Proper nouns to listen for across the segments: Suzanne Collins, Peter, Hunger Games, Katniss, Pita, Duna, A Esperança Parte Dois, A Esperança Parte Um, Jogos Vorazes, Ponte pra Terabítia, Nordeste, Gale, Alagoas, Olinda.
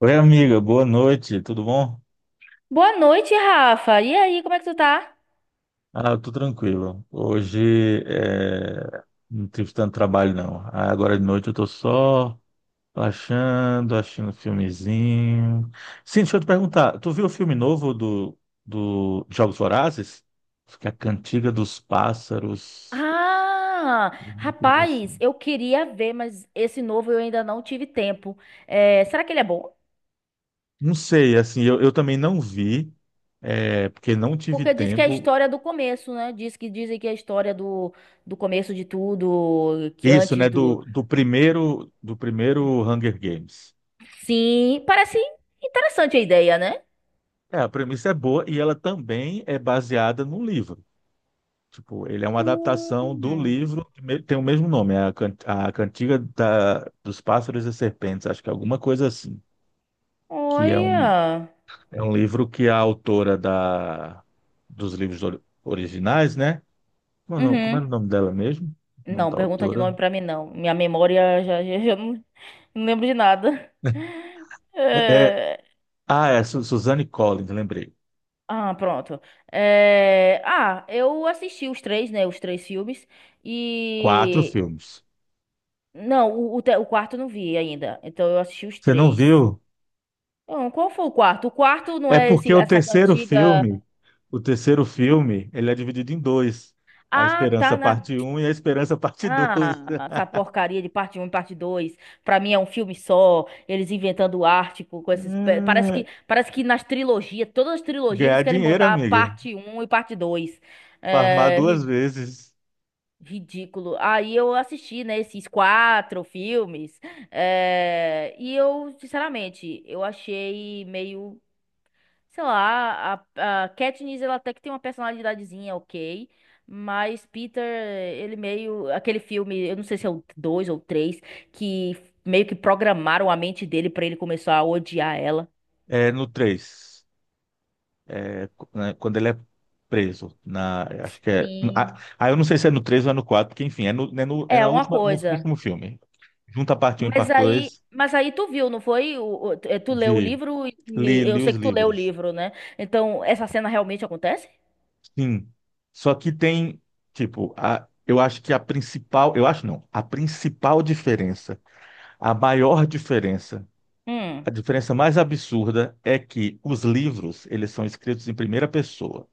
Oi, amiga, boa noite, tudo bom? Boa noite, Rafa. E aí, como é que tu tá? Ah, eu tô tranquilo. Hoje é, não tive tanto trabalho, não. Ah, agora de noite eu tô só relaxando, assistindo um filmezinho. Sim, deixa eu te perguntar, tu viu o filme novo do, do Jogos Vorazes? Acho que é a Cantiga dos Pássaros, Ah, alguma coisa rapaz, assim. eu queria ver, mas esse novo eu ainda não tive tempo. É, será que ele é bom? Não sei, assim, eu também não vi, é, porque não tive Porque diz que é a tempo. história do começo, né? Diz que dizem que é a história do começo de tudo, que Isso, antes né, do. do primeiro Hunger Games. Sim, parece interessante a ideia, né? É, a premissa é boa e ela também é baseada num livro. Tipo, ele é uma adaptação do Hum, livro, que tem o mesmo nome, é a, a Cantiga dos Pássaros e Serpentes, acho que é alguma coisa assim, que olha. é um livro que a autora dos livros originais, né? Como Uhum. era o nome dela mesmo? O nome Não, da pergunta de autora? nome pra mim não. Minha memória já não lembro de nada. É, é- É, ah, é Suzanne Collins, lembrei. ah, pronto. É, ah, eu assisti os três, né? Os três filmes. Quatro E. filmes. Não, o quarto eu não vi ainda. Então eu assisti os Você não três. viu? Então, qual foi o quarto? O quarto não É é porque esse, o essa terceiro cantiga. filme, o terceiro filme, ele é dividido em dois. A Ah, tá. Esperança Parte Um e a Esperança Parte Dois. Ah, essa porcaria de parte um, e parte 2. Pra mim é um filme só. Eles inventando arte com esses. É, Parece que nas trilogias, todas as trilogias, eles ganhar querem dinheiro, botar amiga. parte um e parte 2. Farmar É, duas vezes. ridículo. Aí eu assisti, né, esses quatro filmes. E eu, sinceramente, eu achei meio, sei lá, a Katniss, ela até que tem uma personalidadezinha ok. Mas Peter, ele meio. Aquele filme, eu não sei se é o dois ou três, que meio que programaram a mente dele pra ele começar a odiar ela. É no três. É, né, quando ele é preso. Acho que é. Ah, Sim. ah, eu não sei se é no 3 ou é no 4, porque enfim, é, é É, na uma última, no coisa. último filme. Junta a Parte Um e Parte Dois. Mas aí tu viu, não foi? Tu leu Vi. o livro Li, e eu li sei os que tu leu o livros. livro, né? Então, essa cena realmente acontece? Sim. Só que tem, tipo, eu acho que a principal, eu acho não, a principal diferença, a maior diferença, Hum. a diferença mais absurda é que os livros, eles são escritos em primeira pessoa.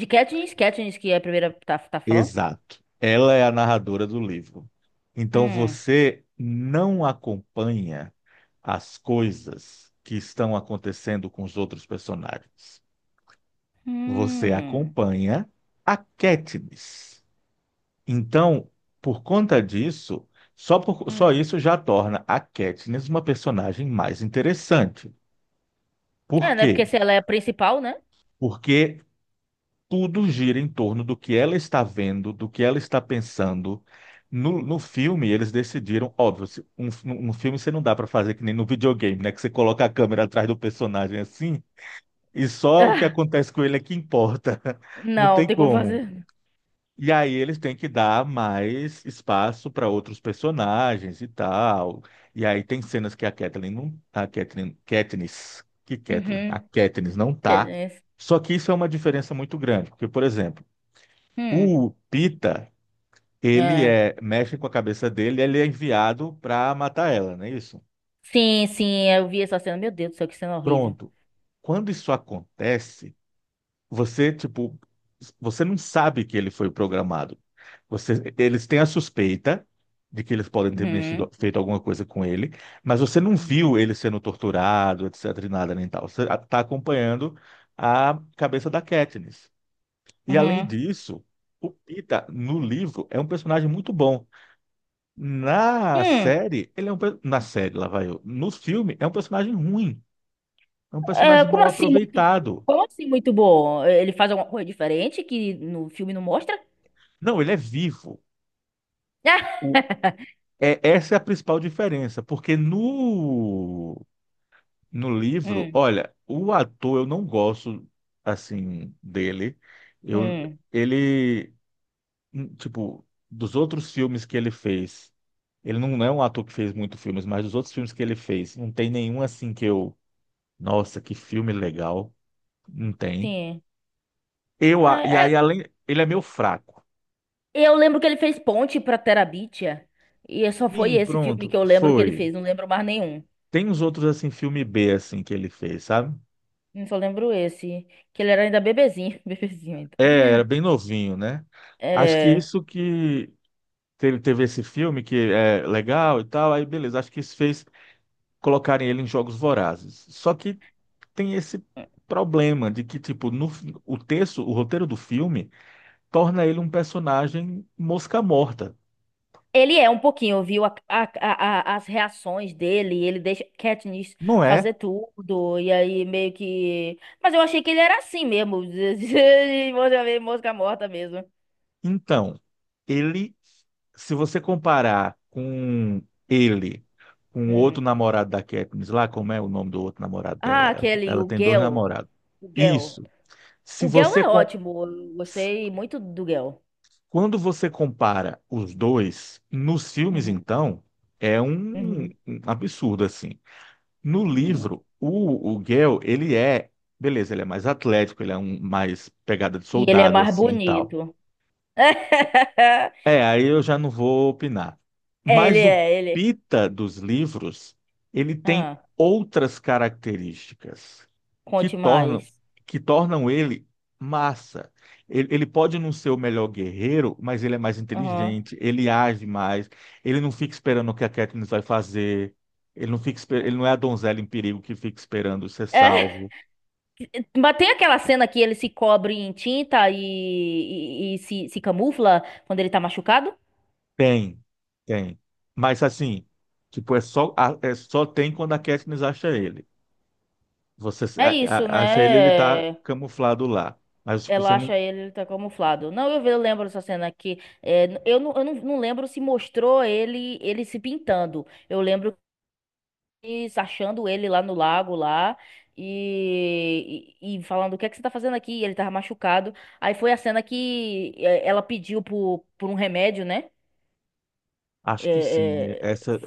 De Katniss, Katniss que é a primeira que tá, tá falando? Exato. Ela é a narradora do livro. Então Hum. você não acompanha as coisas que estão acontecendo com os outros personagens. Você Hum. acompanha a Katniss. Então, por conta disso, só Hum. isso já torna a Katniss uma personagem mais interessante. Por É, né? quê? Porque se ela é a principal, né? Porque tudo gira em torno do que ela está vendo, do que ela está pensando. No filme, eles decidiram, óbvio, no filme você não dá para fazer que nem no videogame, né? Que você coloca a câmera atrás do personagem assim, e só o que acontece com ele é que importa. Ah, Não não, tem tem como como. fazer. E aí eles têm que dar mais espaço para outros personagens e tal. E aí tem cenas que a Catelyn não, a Catelyn, Katniss, que Catelyn, a Uhum. Katniss não tá. Katniss. Só que isso é uma diferença muito grande, porque por exemplo, Hum. o Pita, ele É. é mexe com a cabeça dele, ele é enviado para matar ela, não é isso? Sim, sim, eu vi essa cena. Meu Deus do céu, que cena horrível. Pronto. Quando isso acontece você, tipo, você não sabe que ele foi programado. Eles têm a suspeita de que eles podem ter mexido, Uhum. feito alguma coisa com ele, mas você não Uhum. viu ele sendo torturado, etc, e nada nem tal. Você está acompanhando a cabeça da Katniss. E além Uhum. disso, o Pita no livro é um personagem muito bom. Na Hum. série, ele é um na série, lá vai eu. No filme é um personagem ruim, é um Ah, personagem como mal assim muito bom? aproveitado. Como assim muito bom? Ele faz alguma coisa diferente que no filme não mostra? Não, ele é vivo. Ah, É, essa é a principal diferença, porque no, no livro, hum, olha, o ator eu não gosto assim dele. Eu, hum, ele, tipo, dos outros filmes que ele fez, ele não é um ator que fez muitos filmes, mas dos outros filmes que ele fez, não tem nenhum assim que eu, nossa, que filme legal, não tem. sim. Ah, E aí além, ele é meio fraco. eu lembro que ele fez Ponte pra Terabítia. E é só foi Sim, esse filme pronto, que eu lembro que ele foi. fez. Não lembro mais nenhum. Tem uns outros assim filme B assim que ele fez, sabe? Eu só lembro esse. Que ele era ainda bebezinho. Bebezinho ainda. É, era bem novinho, né? Acho que É. isso que teve esse filme que é legal e tal, aí beleza, acho que isso fez colocarem ele em jogos vorazes. Só que tem esse problema de que, tipo, no, o texto, o roteiro do filme torna ele um personagem mosca morta, Ele é um pouquinho, viu? As reações dele, ele deixa Katniss não é? fazer tudo, e aí meio que. Mas eu achei que ele era assim mesmo, de mosca mosca morta mesmo. Então, ele, se você comparar com ele, com o outro Hum. namorado da Katniss lá, como é o nome do outro namorado dela? Ah, Ela, aquele, ela o tem dois Gale. namorados. O Gale. Isso. Se O Gale você é com- ótimo, eu gostei muito do Gale. Quando você compara os dois nos filmes, Uhum, então é um, uhum, um absurdo assim. No uhum. livro, o Gale, beleza, ele é mais atlético, ele é um mais pegada de E ele é soldado mais assim e tal. bonito. É, aí eu já não vou opinar. É, ele Mas o é, ele. Pita dos livros, ele tem Ah, outras características que conte tornam, mais. que tornam ele massa. Ele pode não ser o melhor guerreiro, mas ele é mais Aham. inteligente, ele age mais, ele não fica esperando o que a Katniss vai fazer, ele não é a donzela em perigo que fica esperando ser salvo. Mas tem aquela cena que ele se cobre em tinta e se, se camufla quando ele tá machucado? Tem, tem. Mas assim, tipo, é só tem quando a Katniss acha ele. Você É isso, acha ele, ele tá né? camuflado lá. Mas tipo, você Ela não. acha ele, ele tá camuflado. Não, eu lembro dessa cena aqui. É, eu não, não lembro se mostrou ele ele se pintando. Eu lembro que se achando ele lá no lago lá e falando o que é que você tá fazendo aqui? E ele tava machucado. Aí foi a cena que é, ela pediu por um remédio, né? Acho É, que sim. é, Essa,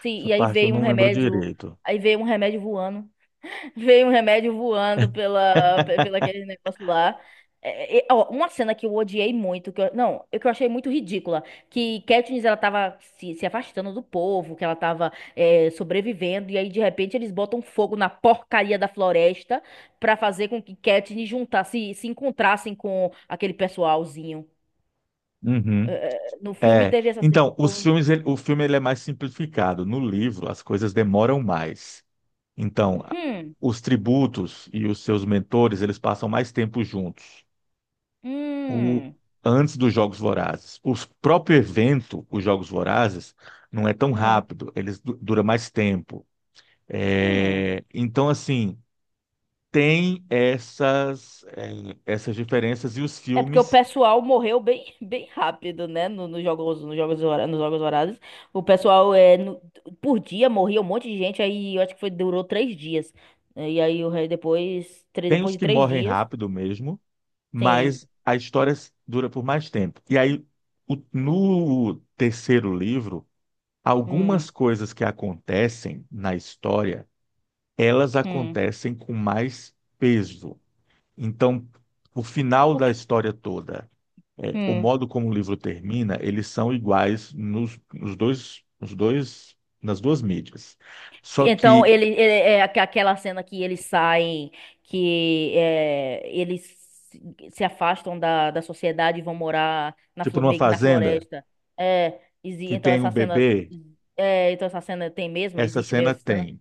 sim, essa e aí parte eu veio um não lembro remédio, direito. aí veio um remédio voando, veio um remédio voando pela, pela aquele negócio lá. É, é, ó, uma cena que eu odiei muito, que eu, não, eu- que eu achei muito ridícula, que Katniss ela tava se, se afastando do povo, que ela tava é, sobrevivendo, e aí de repente eles botam fogo na porcaria da floresta pra fazer com que Katniss juntasse, se encontrassem com aquele pessoalzinho. É, Uhum. é, no filme É. teve essa cena. Então, os Eu, filmes, o filme ele é mais simplificado. No livro, as coisas demoram mais. Então, hum, os tributos e os seus mentores, eles passam mais tempo juntos. O, hum, Antes dos Jogos Vorazes. O próprio evento, os Jogos Vorazes, não é tão hum. rápido. Eles dura mais tempo. Hum. É, então, assim, tem essas, essas diferenças e os É porque o filmes, pessoal morreu bem, bem rápido, né? No, nos jogos, nos jogos, nos jogos horários. O pessoal, é, por dia, morria um monte de gente. Aí eu acho que foi, durou três dias. E aí o rei depois, tem depois os de que três morrem dias. rápido mesmo, Sim. mas a história dura por mais tempo. E aí, no terceiro livro, Hum, algumas coisas que acontecem na história, elas hum. acontecem com mais peso. Então, o final O da quê? história toda. É, o modo como o livro termina, eles são iguais nos, nos dois, nas duas mídias. Só Então, que, é aquela cena que eles saem, que é, eles se se afastam da, da sociedade e vão morar na, tipo, numa meio que na fazenda floresta. É, que então tem o essa cena, bebê, é, então essa cena tem mesmo, essa existe cena mesmo essa cena? tem.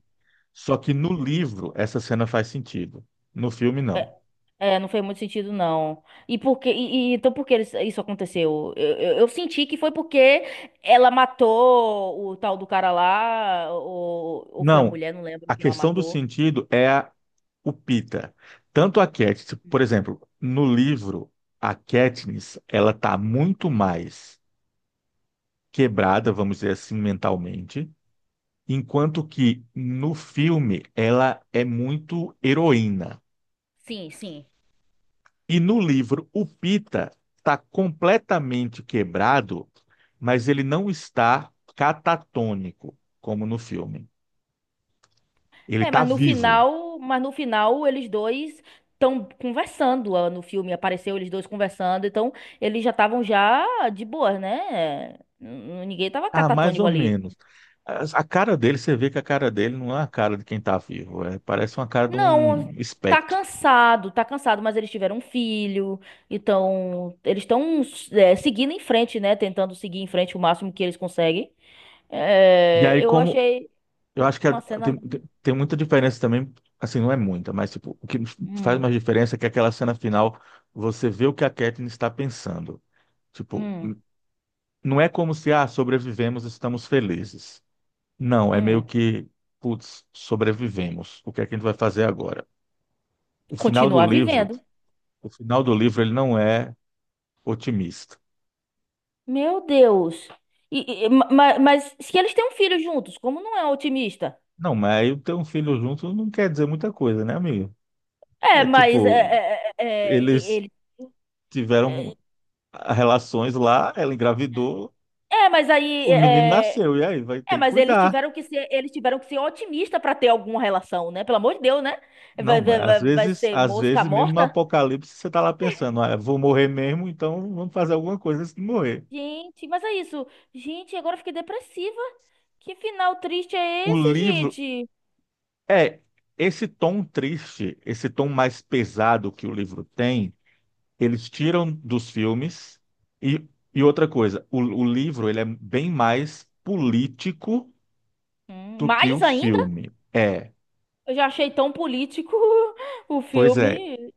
Só que no livro, essa cena faz sentido. No filme, não. É, não fez muito sentido, não. E por que, então por que isso aconteceu? Eu senti que foi porque ela matou o tal do cara lá, ou foi a Não, mulher, não lembro a quem ela questão do matou. sentido é o Pita. Tanto a Katniss, por exemplo, no livro, a Katniss, ela tá muito mais quebrada, vamos dizer assim, mentalmente. Enquanto que no filme ela é muito heroína. Sim, sim. E no livro, o Pita está completamente quebrado, mas ele não está catatônico, como no filme. Ele É, está vivo. Mas no final eles dois estão conversando ah, no filme, apareceu eles dois conversando, então eles já estavam já de boa, né? Ninguém tava Ah, mais catatônico ou ali. menos. A cara dele, você vê que a cara dele não é a cara de quem está vivo. Parece uma cara de um Não, espectro. Tá cansado, mas eles tiveram um filho, então eles estão é, seguindo em frente, né? Tentando seguir em frente o máximo que eles conseguem. E É, aí, eu como achei eu acho que a- uma cena. tem, tem tem muita diferença também, assim, não é muita, mas tipo, o que faz Hum, mais diferença é que aquela cena final você vê o que a Katniss está pensando. Tipo, hum, não é como se, ah, sobrevivemos, estamos felizes. Não, é meio hum. que, putz, sobrevivemos. O que é que a gente vai fazer agora? O final do Continuar livro, vivendo. o final do livro ele não é otimista. Meu Deus. Mas, se eles têm um filho juntos, como não é otimista? Não, mas aí ter um filho junto não quer dizer muita coisa, né, amigo? É, É mas é, tipo, é, é, é, e- eles ele, é, tiveram relações lá, ela engravidou, mas aí o menino é, é, nasceu, e aí? Vai é, ter que mas eles cuidar. tiveram que ser, eles tiveram que ser otimista para ter alguma relação, né? Pelo amor de Deus, né? Não, Vai, mas vai, vai, vai ser às mosca vezes mesmo no morta? apocalipse você tá lá pensando, ah, eu vou morrer mesmo, então vamos fazer alguma coisa antes de morrer. Gente, mas é isso. Gente, agora eu fiquei depressiva. Que final triste é O esse, livro gente? é esse tom triste, esse tom mais pesado que o livro tem, eles tiram dos filmes e, e outra coisa, o livro ele é bem mais político do que o Mais ainda, filme. É, eu já achei tão político o pois é. filme.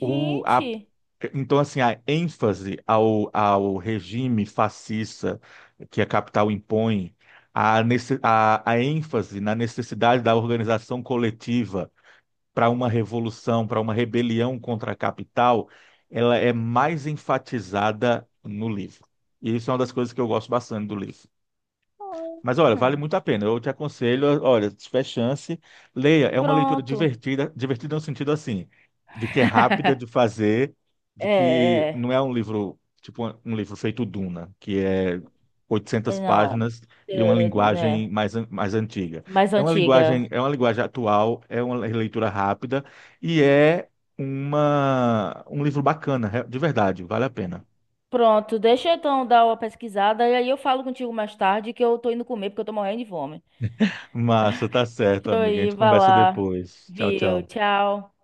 O, a, então, assim, a ênfase ao, ao regime fascista que a capital impõe, a ênfase na necessidade da organização coletiva para uma revolução, para uma rebelião contra a capital, ela é mais enfatizada no livro. E isso é uma das coisas que eu gosto bastante do livro. Hum, Mas olha, vale muito a pena. Eu te aconselho, olha, se tiver chance, leia. É uma leitura Pronto. divertida, divertida no sentido assim, de que é rápida de fazer, de É, que é, não é um livro, tipo um livro feito Duna, que é é, 800 não, páginas e uma é, linguagem né? mais, mais antiga. Mais É uma linguagem, antiga. é uma linguagem atual, é uma leitura rápida e é um livro bacana, de verdade, vale a pena. Pronto, deixa eu então dar uma pesquisada e aí eu falo contigo mais tarde que eu tô indo comer porque eu tô morrendo de fome. Massa, tá certo, Deixa eu amiga. A gente ir, vai conversa lá. depois. Tchau, Viu, tchau. tchau.